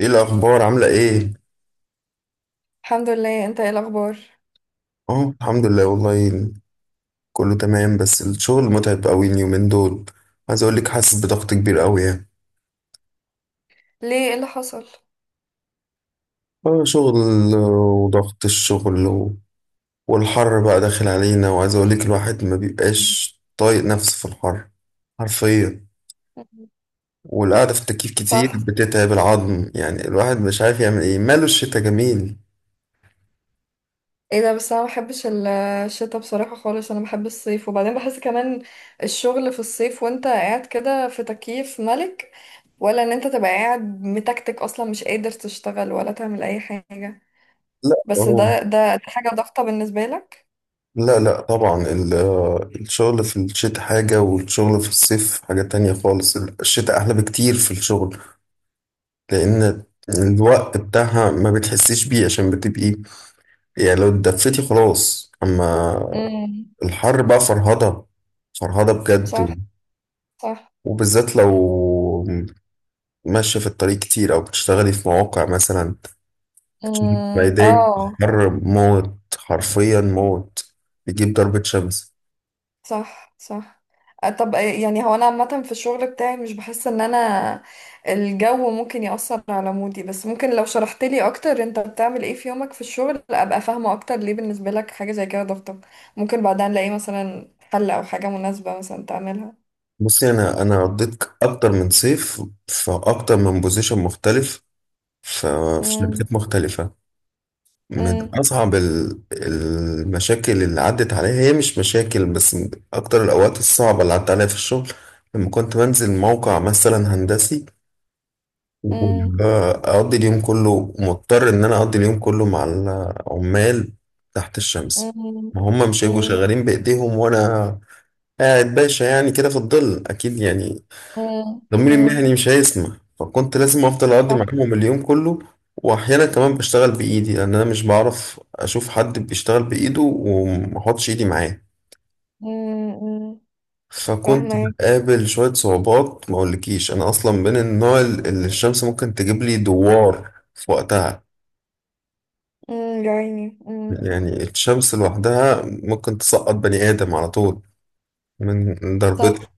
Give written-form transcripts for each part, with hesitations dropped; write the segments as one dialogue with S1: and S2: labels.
S1: ايه الاخبار عامله ايه
S2: الحمد لله، انت ايه الاخبار؟
S1: اه الحمد لله والله. كله تمام، بس الشغل متعب قوي اليومين دول. عايز اقول لك، حاسس بضغط كبير قوي يعني.
S2: ليه، ايه اللي حصل؟
S1: اه، شغل. وضغط الشغل والحر بقى داخل علينا، وعايز اقول لك الواحد ما بيبقاش طايق نفسه في الحر. حرفيا.
S2: مم.
S1: والقعده في التكييف
S2: صح.
S1: كتير بتتعب العظم، يعني الواحد مش عارف يعمل ايه، ماله الشتا جميل.
S2: ايه ده بس انا ما بحبش الشتاء بصراحة خالص، انا بحب الصيف. وبعدين بحس كمان الشغل في الصيف وانت قاعد كده في تكييف ملك، ولا ان انت تبقى قاعد متكتك اصلا مش قادر تشتغل ولا تعمل اي حاجة.
S1: لا.
S2: بس
S1: اهو.
S2: ده حاجة ضغطة بالنسبة لك.
S1: لا لا طبعا الشغل في الشتاء حاجة والشغل في الصيف حاجة تانية خالص. الشتاء أحلى بكتير في الشغل، لأن الوقت بتاعها ما بتحسيش بيه، عشان بتبقي يعني لو اتدفيتي خلاص. أما
S2: مم.
S1: الحر بقى فرهضة، فرهضة
S2: صح
S1: بجد.
S2: صح.
S1: وبالذات لو ماشية في الطريق كتير أو بتشتغلي في مواقع مثلا.
S2: امم،
S1: ميدان،
S2: اه.
S1: حر موت، حرفيا موت، بيجيب ضربة شمس.
S2: صح صح. آه، طب آه، يعني هو انا عامه في الشغل بتاعي مش بحس ان انا الجو ممكن يأثر على مودي، بس ممكن لو شرحت لي اكتر انت بتعمل ايه في يومك في الشغل ابقى فاهمه اكتر ليه بالنسبه لك حاجه زي كده ضغطة. ممكن بعدها نلاقي مثلا حل او حاجه مناسبه مثلا تعملها.
S1: بصي، انا قضيت اكتر من صيف في اكتر من بوزيشن مختلف، ف- في
S2: أمم،
S1: شركات مختلفه. من
S2: أمم،
S1: اصعب المشاكل اللي عدت عليا، هي مش مشاكل بس من اكتر الاوقات الصعبه اللي عدت عليا في الشغل، لما كنت بنزل موقع مثلا هندسي،
S2: أمم،
S1: واقضي اليوم كله، مضطر ان انا اقضي اليوم كله مع العمال تحت الشمس.
S2: أمم،
S1: ما هم مش هيبقوا
S2: أمم،
S1: شغالين بايديهم وانا قاعد باشا يعني كده في الظل، اكيد يعني
S2: أمم،
S1: ضميري
S2: أمم،
S1: المهني مش هيسمح، فكنت لازم افضل اقضي
S2: صح.
S1: معاهم اليوم كله. واحيانا كمان بشتغل بايدي، لان انا مش بعرف اشوف حد بيشتغل بايده وما احطش ايدي معاه.
S2: أمم، أمم،
S1: فكنت
S2: فاهمه.
S1: بقابل شوية صعوبات، ما اقولكيش انا اصلا من النوع اللي الشمس ممكن تجيب لي دوار في وقتها.
S2: يا عيني.
S1: يعني الشمس لوحدها ممكن تسقط بني ادم على طول من ضربتها.
S2: صح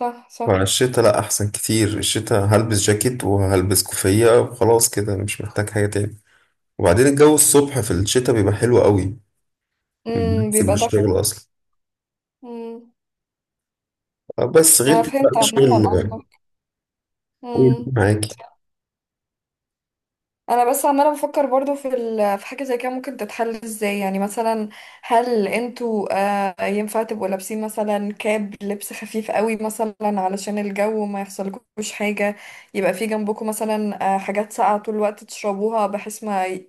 S2: صح. صح.
S1: فالشتا لا، احسن كتير. الشتا هلبس جاكيت وهلبس كوفية وخلاص كده، مش محتاج حاجة تاني. وبعدين الجو الصبح في الشتاء بيبقى حلو قوي، بنسيب
S2: بيبقى دفع.
S1: الشغل اصلا.
S2: امم.
S1: بس غير
S2: انا
S1: كده بقى
S2: فهمت عامه
S1: الشغل.
S2: قصدك.
S1: قول
S2: مم.
S1: معاكي.
S2: انا بس عماله بفكر برضو في في حاجه زي كده ممكن تتحل ازاي؟ يعني مثلا هل انتوا، آه، ينفع تبقوا لابسين مثلا كاب لبس خفيف قوي مثلا علشان الجو ما يحصلكوش حاجه؟ يبقى في جنبكم مثلا، آه، حاجات ساقعه طول الوقت تشربوها بحيث ما ي...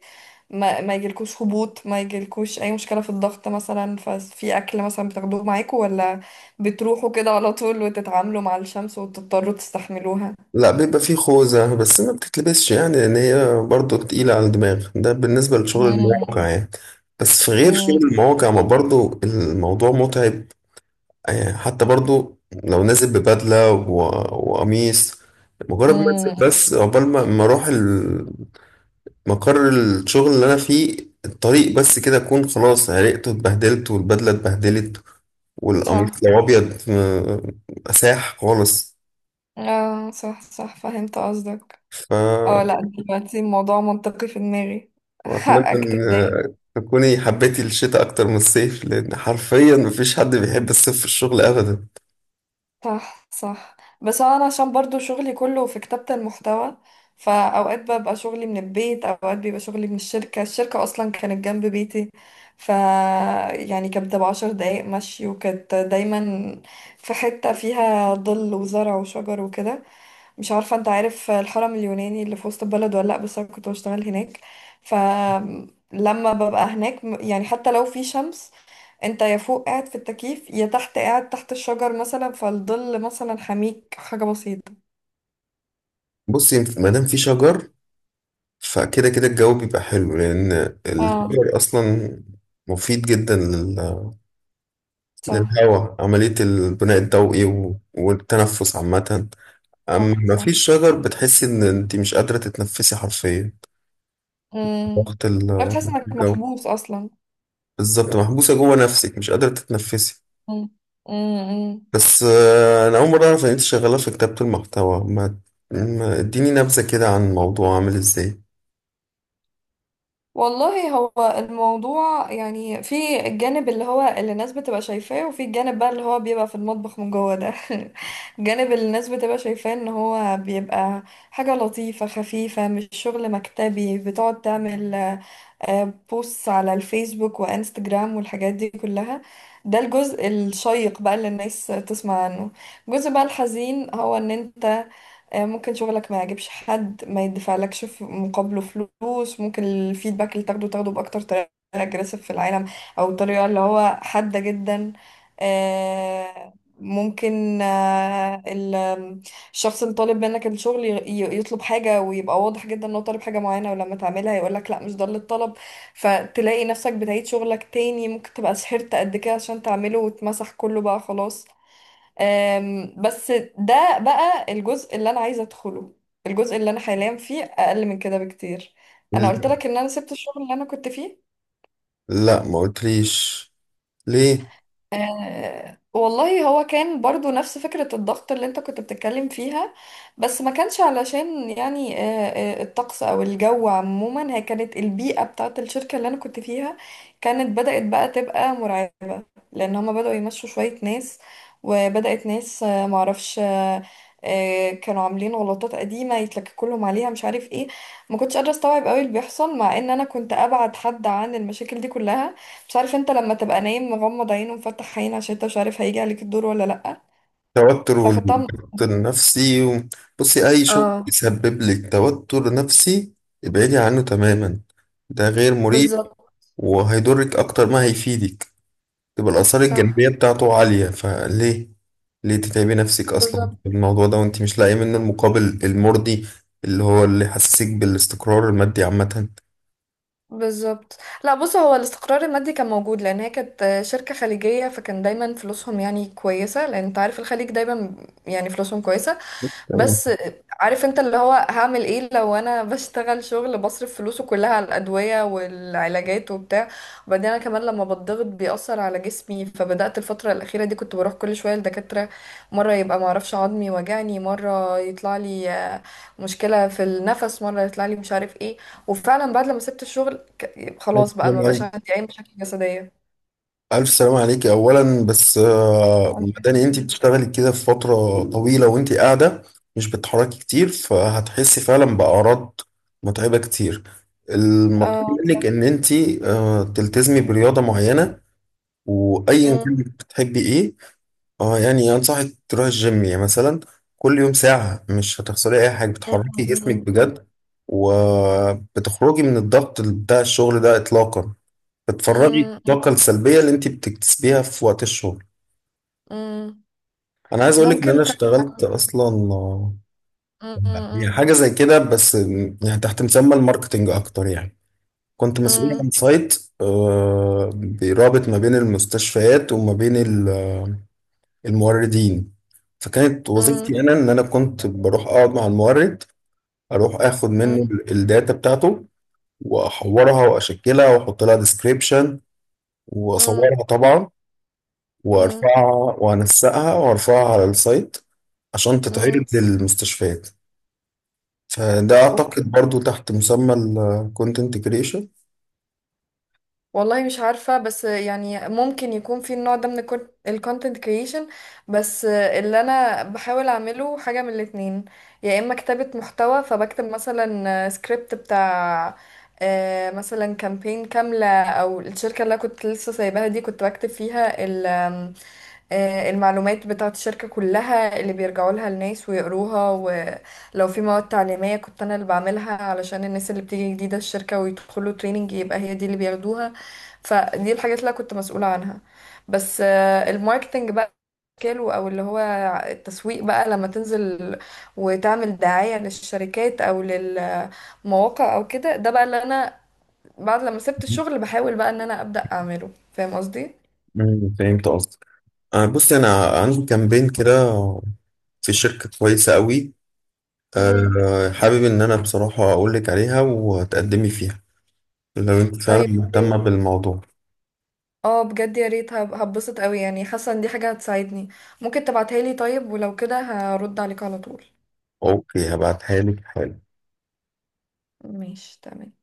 S2: ما, ما يجيلكوش هبوط، ما يجيلكوش اي مشكله في الضغط مثلا؟ ففي اكل مثلا بتاخدوه معاكم، ولا بتروحوا كده على طول وتتعاملوا مع الشمس وتضطروا تستحملوها؟
S1: لا، بيبقى فيه خوذة بس ما بتتلبسش، يعني لأن هي برضه تقيلة على الدماغ، ده بالنسبة لشغل المواقع
S2: مم.
S1: يعني. بس في غير شغل
S2: مم.
S1: المواقع، ما برضه الموضوع متعب. حتى برضه لو نازل ببدلة وقميص، مجرد ما انزل
S2: مم.
S1: بس، عقبال ما اروح مقر الشغل اللي انا فيه، الطريق بس كده اكون خلاص عرقت واتبهدلت والبدله اتبهدلت والقميص
S2: صح.
S1: لو ابيض اساح خالص.
S2: اه صح صح، فهمت قصدك.
S1: ف
S2: اه لا، دلوقتي الموضوع منطقي في دماغي
S1: واتمنى
S2: حقك.
S1: ان تكوني حبيتي الشتاء اكتر من الصيف، لان حرفيا مفيش حد بيحب الصيف في الشغل ابدا.
S2: صح صح. بس انا عشان برضو شغلي كله في كتابة المحتوى، فاوقات ببقى شغلي من البيت، اوقات بيبقى شغلي من الشركة. الشركة اصلا كانت جنب بيتي، ف يعني كانت بتبقى 10 دقايق مشي، وكانت دايما في حتة فيها ظل وزرع وشجر وكده. مش عارفة انت عارف الحرم اليوناني اللي في وسط البلد ولا لأ، بس انا كنت بشتغل هناك. فلما ببقى هناك يعني حتى لو في شمس، انت يا فوق قاعد في التكييف يا تحت قاعد تحت الشجر مثلا، فالظل مثلا حميك حاجة بسيطة.
S1: بصي، ما دام في شجر فكده كده الجو بيبقى حلو، لان
S2: اه.
S1: الشجر اصلا مفيد جدا
S2: صح.
S1: للهواء. عملية البناء الضوئي والتنفس عامة. اما
S2: صح
S1: ما
S2: صح.
S1: فيش شجر بتحسي ان انت مش قادرة تتنفسي حرفيا.
S2: امم.
S1: ضغط
S2: بتحس انك
S1: الجو.
S2: محبوس اصلا.
S1: بالظبط، محبوسة جوه نفسك، مش قادرة تتنفسي.
S2: امم.
S1: بس انا اول مرة اعرف ان انت شغالة في كتابة المحتوى. اديني نبذة كده عن الموضوع عامل ازاي.
S2: والله هو الموضوع يعني في الجانب اللي هو اللي الناس بتبقى شايفاه، وفي الجانب بقى اللي هو بيبقى في المطبخ من جوه ده. الجانب اللي الناس بتبقى شايفاه ان هو بيبقى حاجة لطيفة خفيفة، مش شغل مكتبي بتقعد تعمل، بوستس على الفيسبوك وانستجرام والحاجات دي كلها. ده الجزء الشيق بقى اللي الناس تسمع عنه. الجزء بقى الحزين هو ان انت، ممكن شغلك ما يعجبش حد، ما يدفعلكش في مقابله فلوس، ممكن الفيدباك اللي تاخده تاخده بأكتر طريقة اجريسيف في العالم، او طريقة اللي هو حادة جدا. آه، ممكن، الشخص اللي طالب منك الشغل يطلب حاجة ويبقى واضح جدا انه طالب حاجة معينة، ولما تعملها يقولك لا مش ده اللي اتطلب. فتلاقي نفسك بتعيد شغلك تاني، ممكن تبقى سحرت قد كده عشان تعمله وتمسح كله بقى خلاص. بس ده بقى الجزء اللي انا عايزه ادخله. الجزء اللي انا حاليا فيه اقل من كده بكتير. انا قلت
S1: ال-
S2: لك ان انا سبت الشغل اللي انا كنت فيه.
S1: لا، ما قلتليش ليه؟
S2: أه والله هو كان برضو نفس فكرة الضغط اللي انت كنت بتتكلم فيها. بس ما كانش علشان يعني، أه، أه، الطقس او الجو عموما. هي كانت البيئة بتاعت الشركة اللي انا كنت فيها كانت بدأت بقى تبقى مرعبة، لان هما بدأوا يمشوا شوية ناس، وبدأت ناس، آه، معرفش آه، آه، كانوا عاملين غلطات قديمة يتلككوا لهم عليها مش عارف ايه. ما كنتش قادرة استوعب قوي اللي بيحصل، مع ان انا كنت ابعد حد عن المشاكل دي كلها. مش عارف، انت لما تبقى نايم مغمض عينه ومفتح عين عشان انت مش عارف هيجي عليك الدور ولا لأ.
S1: توتر
S2: فاخدتها من-
S1: والضغط النفسي. بصي، اي شغل
S2: اه.
S1: يسبب لك توتر نفسي ابعدي عنه تماما، ده غير مريح
S2: بالظبط.
S1: وهيضرك اكتر ما هيفيدك. تبقى الآثار
S2: صح.
S1: الجانبية بتاعته عالية، فليه؟ ليه تتعبي نفسك أصلا
S2: بالظبط.
S1: في الموضوع ده وأنت مش لاقية منه المقابل المرضي اللي هو اللي يحسسك بالاستقرار المادي عامة؟
S2: بالظبط. لا بص، هو الاستقرار المادي كان موجود، لان هي كانت شركة خليجية فكان دايما فلوسهم يعني كويسة، لان انت عارف الخليج دايما يعني فلوسهم كويسة.
S1: تمام.
S2: بس عارف انت اللي هو هعمل ايه لو انا بشتغل شغل بصرف فلوسه كلها على الادويه والعلاجات وبتاع؟ وبعدين انا كمان لما بتضغط بيأثر على جسمي، فبدأت الفتره الاخيره دي كنت بروح كل شويه لدكاتره. مره يبقى معرفش عظمي وجعني، مره يطلع لي، مشكله في النفس، مره يطلع لي مش عارف ايه. وفعلا بعد لما سبت الشغل
S1: ألف
S2: خلاص بقى
S1: سلام
S2: ما بقاش
S1: عليك،
S2: عندي اي مشاكل جسديه.
S1: ألف سلام عليك أولا. بس
S2: الله
S1: مداني أنت
S2: يسلمك.
S1: بتشتغلي كده في فترة طويلة وأنت قاعدة، مش بتتحركي كتير، فهتحسي فعلا بأعراض متعبة كتير. المطلوب
S2: اه
S1: منك
S2: صح.
S1: إن أنت تلتزمي برياضة معينة، وأيا كان
S2: مم،
S1: بتحبي إيه. اه يعني انصحك تروح الجيم يعني مثلا، كل يوم ساعة مش هتخسري اي حاجة،
S2: مم،
S1: بتحركي جسمك
S2: مم، مم،
S1: بجد وبتخرجي من الضغط بتاع الشغل ده اطلاقا، بتفرغي
S2: مم،
S1: الطاقة السلبية اللي انت بتكتسبيها في وقت الشغل.
S2: مم.
S1: انا عايز اقولك ان انا
S2: ممكن.
S1: اشتغلت اصلا، يعني حاجة زي كده، بس يعني تحت مسمى الماركتينج اكتر يعني. كنت مسؤول عن سايت بيرابط ما بين المستشفيات وما بين الموردين، فكانت وظيفتي انا ان انا كنت بروح اقعد مع المورد، اروح اخد منه
S2: اوكي.
S1: الداتا بتاعته واحورها واشكلها واحط لها ديسكريبشن، واصورها طبعا، وارفعها وانسقها وارفعها على السايت، عشان تتعرض للمستشفيات. فده اعتقد برضو تحت مسمى الكونتنت كريشن.
S2: والله مش عارفة، بس يعني ممكن يكون في النوع ده من الكونتنت كريشن. بس اللي أنا بحاول أعمله حاجة من الاتنين. يا إما كتابة محتوى، فبكتب مثلا سكريبت بتاع، مثلا كامبين كاملة، أو الشركة اللي أنا كنت لسه سايباها دي كنت بكتب فيها ال- آم، آه، المعلومات بتاعة الشركة كلها اللي بيرجعوا لها الناس ويقروها، ولو في مواد تعليمية كنت أنا اللي بعملها علشان الناس اللي بتيجي جديدة الشركة ويدخلوا تريننج يبقى هي دي اللي بياخدوها. فدي الحاجات اللي أنا كنت مسؤولة عنها. بس، الماركتينج بقى شكله او اللي هو التسويق بقى، لما تنزل وتعمل دعاية للشركات او للمواقع او كده، ده بقى اللي انا بعد لما سبت الشغل بحاول بقى ان انا ابدأ اعمله. فاهم قصدي؟
S1: فهمت قصدك. بصي، انا عندي كامبين كده في شركة كويسة قوي،
S2: امم.
S1: حابب إن أنا بصراحة أقولك عليها وتقدمي فيها لو أنت فعلا
S2: طيب
S1: مهتمة
S2: إيه؟
S1: بالموضوع.
S2: اه بجد يا ريت، هبسط قوي، يعني حاسه ان دي حاجه هتساعدني. ممكن تبعتها لي طيب؟ ولو كده هرد عليك على طول.
S1: أوكي، هبعتها لك حالا.
S2: ماشي تمام.